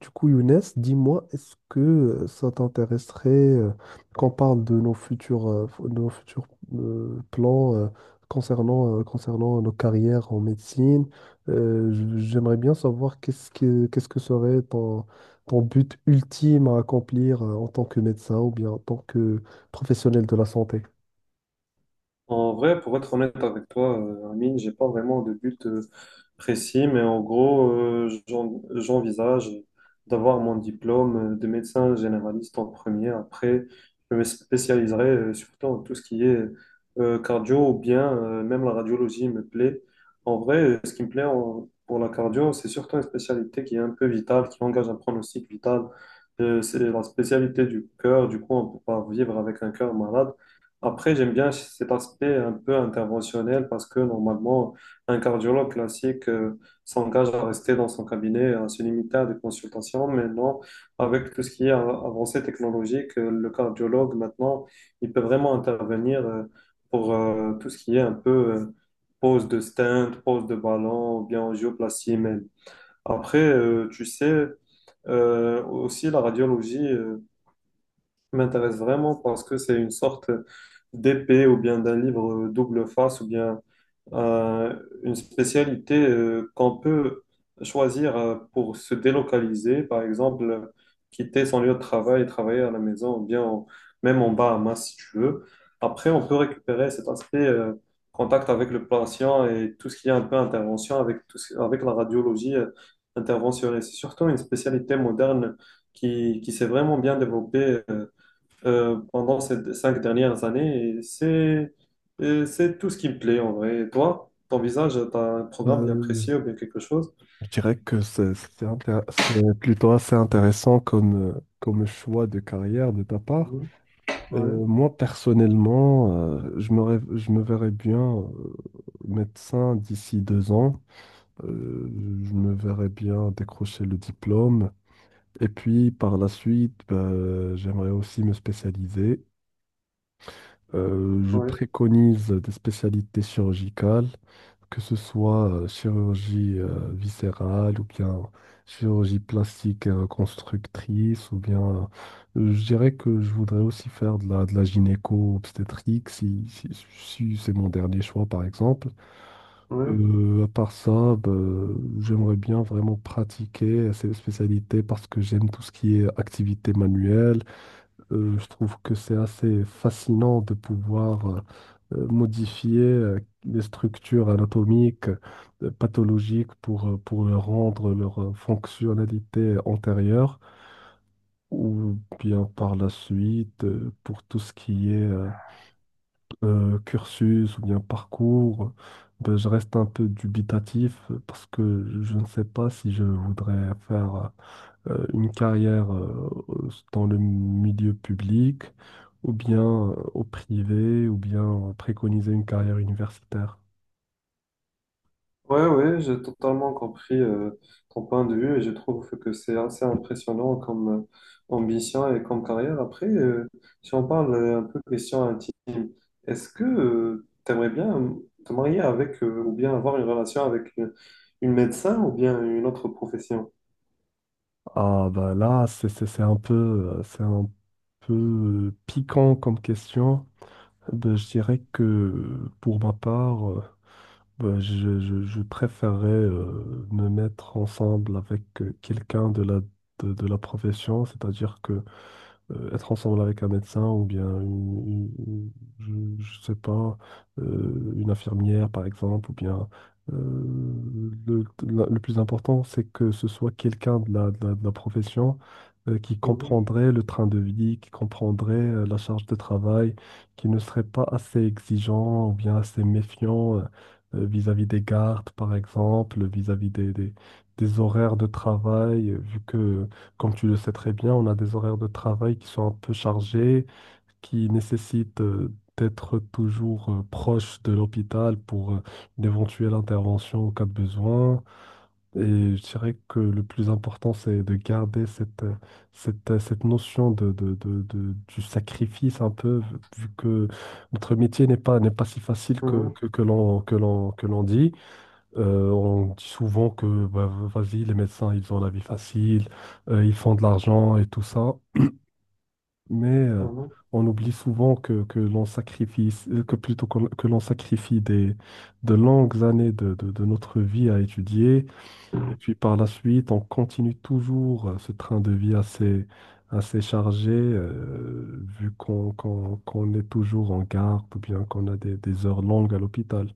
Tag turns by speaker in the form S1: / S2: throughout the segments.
S1: Du coup, Younes, dis-moi, est-ce que ça t'intéresserait, qu'on parle de nos futurs, de nos futurs plans concernant, concernant nos carrières en médecine? J'aimerais bien savoir qu'est-ce que serait ton, ton but ultime à accomplir, en tant que médecin ou bien en tant que professionnel de la santé.
S2: En vrai, pour être honnête avec toi, Amine, j'ai pas vraiment de but précis, mais en gros, j'envisage d'avoir mon diplôme de médecin généraliste en premier. Après, je me spécialiserai surtout en tout ce qui est cardio ou bien même la radiologie me plaît. En vrai, ce qui me plaît pour la cardio, c'est surtout une spécialité qui est un peu vitale, qui engage un pronostic vital. C'est la spécialité du cœur. Du coup, on peut pas vivre avec un cœur malade. Après, j'aime bien cet aspect un peu interventionnel parce que normalement, un cardiologue classique s'engage à rester dans son cabinet, à se limiter à des consultations. Mais non, avec tout ce qui est avancée technologique, le cardiologue maintenant, il peut vraiment intervenir pour tout ce qui est un peu pose de stent, pose de ballon, ou bien angioplastie. Mais après, tu sais, aussi la radiologie. M'intéresse vraiment parce que c'est une sorte d'épée ou bien d'un livre double face ou bien euh, une spécialité qu'on peut choisir pour se délocaliser, par exemple, quitter son lieu de travail et travailler à la maison ou bien même en Bahamas si tu veux. Après, on peut récupérer cet aspect contact avec le patient et tout ce qui est un peu intervention avec, avec la radiologie interventionnelle. C'est surtout une spécialité moderne qui s'est vraiment bien développée. Pendant ces cinq dernières années. Et c'est tout ce qui me plaît en vrai. Et toi, ton visage, t'as un programme bien
S1: Euh, je
S2: précis ou bien quelque chose?
S1: je dirais que c'est plutôt assez intéressant comme, comme choix de carrière de ta part.
S2: Mhm. Ouais,
S1: Moi, personnellement, je me verrais bien, médecin d'ici deux ans. Euh, je me verrais bien décrocher le diplôme. Et puis, par la suite, bah, j'aimerais aussi me spécialiser. Je
S2: ouais,
S1: préconise des spécialités chirurgicales, que ce soit, chirurgie, viscérale ou bien chirurgie plastique et reconstructrice, ou bien, je dirais que je voudrais aussi faire de la gynéco-obstétrique si c'est mon dernier choix par exemple.
S2: ouais.
S1: À part ça, bah, j'aimerais bien vraiment pratiquer ces spécialités parce que j'aime tout ce qui est activité manuelle. Je trouve que c'est assez fascinant de pouvoir, modifier, les structures anatomiques, pathologiques pour leur rendre leur, fonctionnalité antérieure ou bien par la suite, pour tout ce qui est, cursus ou bien parcours. Ben, je reste un peu dubitatif, parce que je ne sais pas si je voudrais faire, une carrière, dans le milieu public, ou bien, au privé, ou bien, préconiser une carrière universitaire.
S2: Ouais, ouais, j'ai totalement compris ton point de vue et je trouve que c'est assez impressionnant comme ambition et comme carrière. Après, si on parle un peu question intime, est-ce que tu aimerais bien te marier avec ou bien avoir une relation avec une médecin ou bien une autre profession?
S1: Ah bah là, c'est un peu, c'est un peu, piquant comme question. Ben, je dirais que pour ma part, ben, je préférerais, me mettre ensemble avec, quelqu'un de la profession, c'est-à-dire que, être ensemble avec un médecin ou bien je sais pas, une infirmière par exemple, ou bien, euh, le plus important, c'est que ce soit quelqu'un de la profession, qui
S2: Mhm.
S1: comprendrait le train de vie, qui comprendrait, la charge de travail, qui ne serait pas assez exigeant ou bien assez méfiant, vis-à-vis des gardes, par exemple, vis-à-vis des horaires de travail, vu que comme tu le sais très bien, on a des horaires de travail qui sont un peu chargés, qui nécessitent, d'être toujours, proche de l'hôpital pour, une éventuelle intervention en cas de besoin. Et je dirais que le plus important, c'est de garder cette notion du sacrifice un peu, vu que notre métier n'est pas si facile
S2: Mhm.
S1: que que l'on dit. On dit souvent que, bah, vas-y, les médecins, ils ont la vie facile, ils font de l'argent et tout ça, mais
S2: Mhm,
S1: on oublie souvent que l'on sacrifie, que l'on sacrifie des, de longues années de notre vie à étudier, et puis par la suite, on continue toujours, ce train de vie assez chargé, vu qu'on est toujours en garde ou bien qu'on a des heures longues à l'hôpital.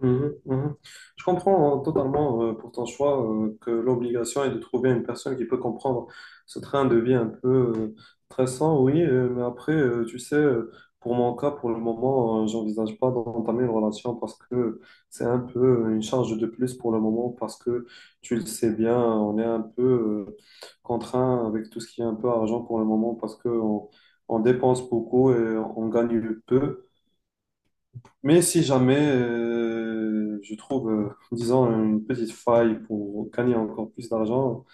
S2: mhm, mhm. Je comprends totalement pour ton choix que l'obligation est de trouver une personne qui peut comprendre ce train de vie un peu euh, stressant, oui, mais après, tu sais, pour mon cas, pour le moment, j'envisage pas d'entamer une relation parce que c'est un peu une charge de plus pour le moment, parce que tu le sais bien, on est un peu euh, contraint avec tout ce qui est un peu argent pour le moment, parce que on dépense beaucoup et on gagne peu. Mais si jamais je trouve, disons, une petite faille pour gagner encore plus d'argent,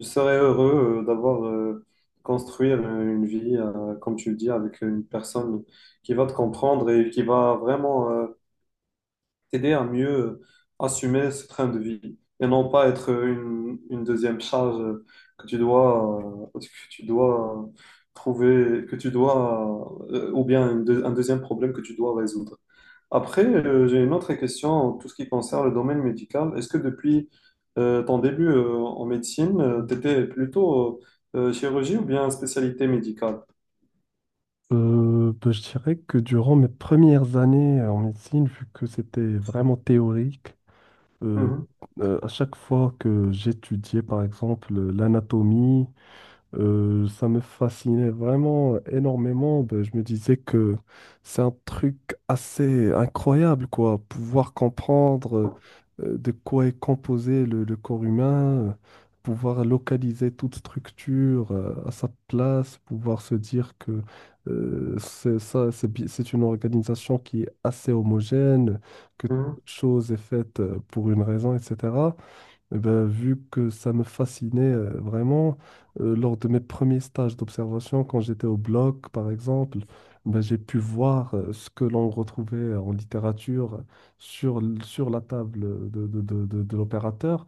S2: je serais heureux d'avoir construire une vie, comme tu le dis, avec une personne qui va te comprendre et qui va vraiment t'aider à mieux assumer ce train de vie et non pas être une deuxième charge que tu dois trouver, ou bien une un deuxième problème que tu dois résoudre. Après, j'ai une autre question en tout ce qui concerne le domaine médical. Est-ce que depuis ton début en médecine, tu étais plutôt chirurgie ou bien spécialité médicale?
S1: Bah, je dirais que durant mes premières années, en médecine, vu que c'était vraiment théorique, euh,
S2: Mhm,
S1: à chaque fois que j'étudiais par exemple, l'anatomie, ça me fascinait vraiment énormément. Ben, je me disais que c'est un truc assez incroyable, quoi. Pouvoir comprendre, de quoi est composé le corps humain, pouvoir localiser toute structure, à sa place, pouvoir se dire que, c'est ça, c'est une organisation qui est assez homogène, que toute
S2: mhm,
S1: chose est faite, pour une raison, etc. Eh ben, vu que ça me fascinait, vraiment, lors de mes premiers stages d'observation, quand j'étais au bloc, par exemple, ben, j'ai pu voir, ce que l'on retrouvait en littérature sur la table de l'opérateur.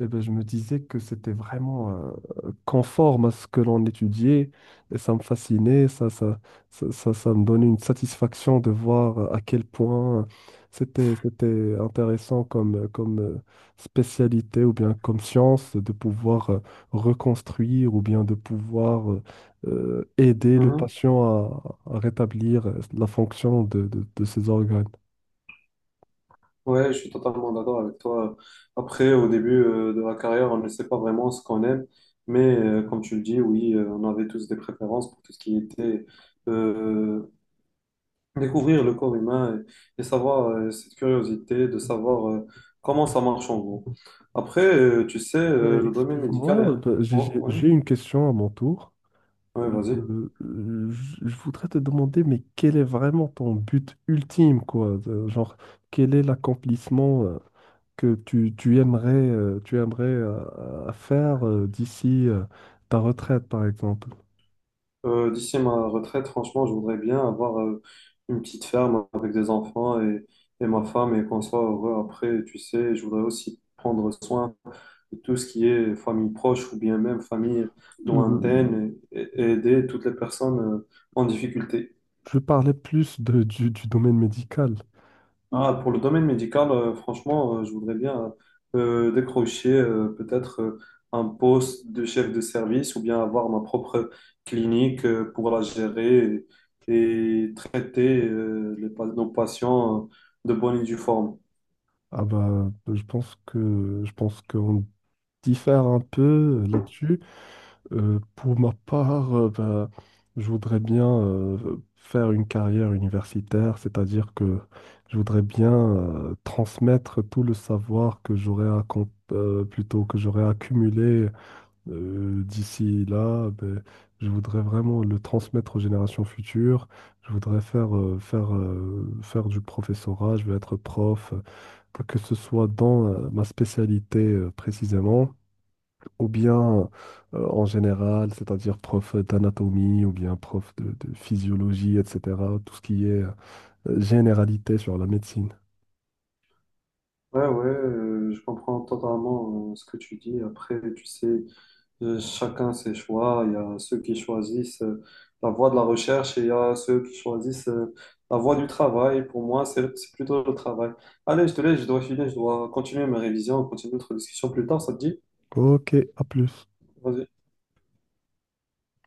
S1: Eh ben, je me disais que c'était vraiment, conforme à ce que l'on étudiait et ça me fascinait, ça me donnait une satisfaction de voir à quel point c'était intéressant comme, spécialité ou bien comme science de pouvoir, reconstruire ou bien de pouvoir, aider le
S2: mhm.
S1: patient à rétablir, la fonction de ses organes.
S2: Ouais, je suis totalement d'accord avec toi. Après, au début de la carrière, on ne sait pas vraiment ce qu'on aime, mais comme tu le dis, oui, on avait tous des préférences pour tout ce qui était euh, Découvrir le corps humain et savoir cette curiosité de savoir comment ça marche en gros. Après, tu sais,
S1: Ben,
S2: le domaine médical est...
S1: excuse-moi, ben,
S2: Oh, oui,
S1: j'ai une question à mon tour.
S2: ouais,
S1: Euh,
S2: vas-y.
S1: je voudrais te demander, mais quel est vraiment ton but ultime, quoi? Genre, quel est l'accomplissement, que tu aimerais, tu aimerais, faire, d'ici, ta retraite, par exemple?
S2: D'ici ma retraite, franchement, je voudrais bien avoir une petite ferme avec des enfants et ma femme et qu'on soit heureux après, tu sais. Je voudrais aussi prendre soin de tout ce qui est famille proche ou bien même famille
S1: Euh,
S2: lointaine et aider toutes les personnes en difficulté.
S1: je parlais plus du domaine médical.
S2: Ah, pour le domaine médical, franchement, je voudrais bien décrocher peut-être un poste de chef de service ou bien avoir ma propre clinique pour la gérer et traiter nos patients de bonne et due forme.
S1: Ah bah, je pense qu'on diffère un peu, là-dessus. Pour ma part, ben, je voudrais bien, faire une carrière universitaire, c'est-à-dire que je voudrais bien, transmettre tout le savoir que j'aurais accom- plutôt que j'aurais accumulé, d'ici là. Ben, je voudrais vraiment le transmettre aux générations futures. Je voudrais faire du professorat, je veux être prof, que ce soit dans, ma spécialité, précisément ou bien, en général, c'est-à-dire prof d'anatomie ou bien prof de physiologie, etc. Tout ce qui est, généralité sur la médecine.
S2: Ouais, ouais, je comprends totalement ce que tu dis. Après, tu sais, chacun ses choix. Il y a ceux qui choisissent la voie de la recherche et il y a ceux qui choisissent la voie du travail. Pour moi, c'est plutôt le travail. Allez, je te laisse, je dois filer, je dois continuer mes révisions, continuer notre discussion plus tard, ça te dit?
S1: Ok, à plus.
S2: Vas-y.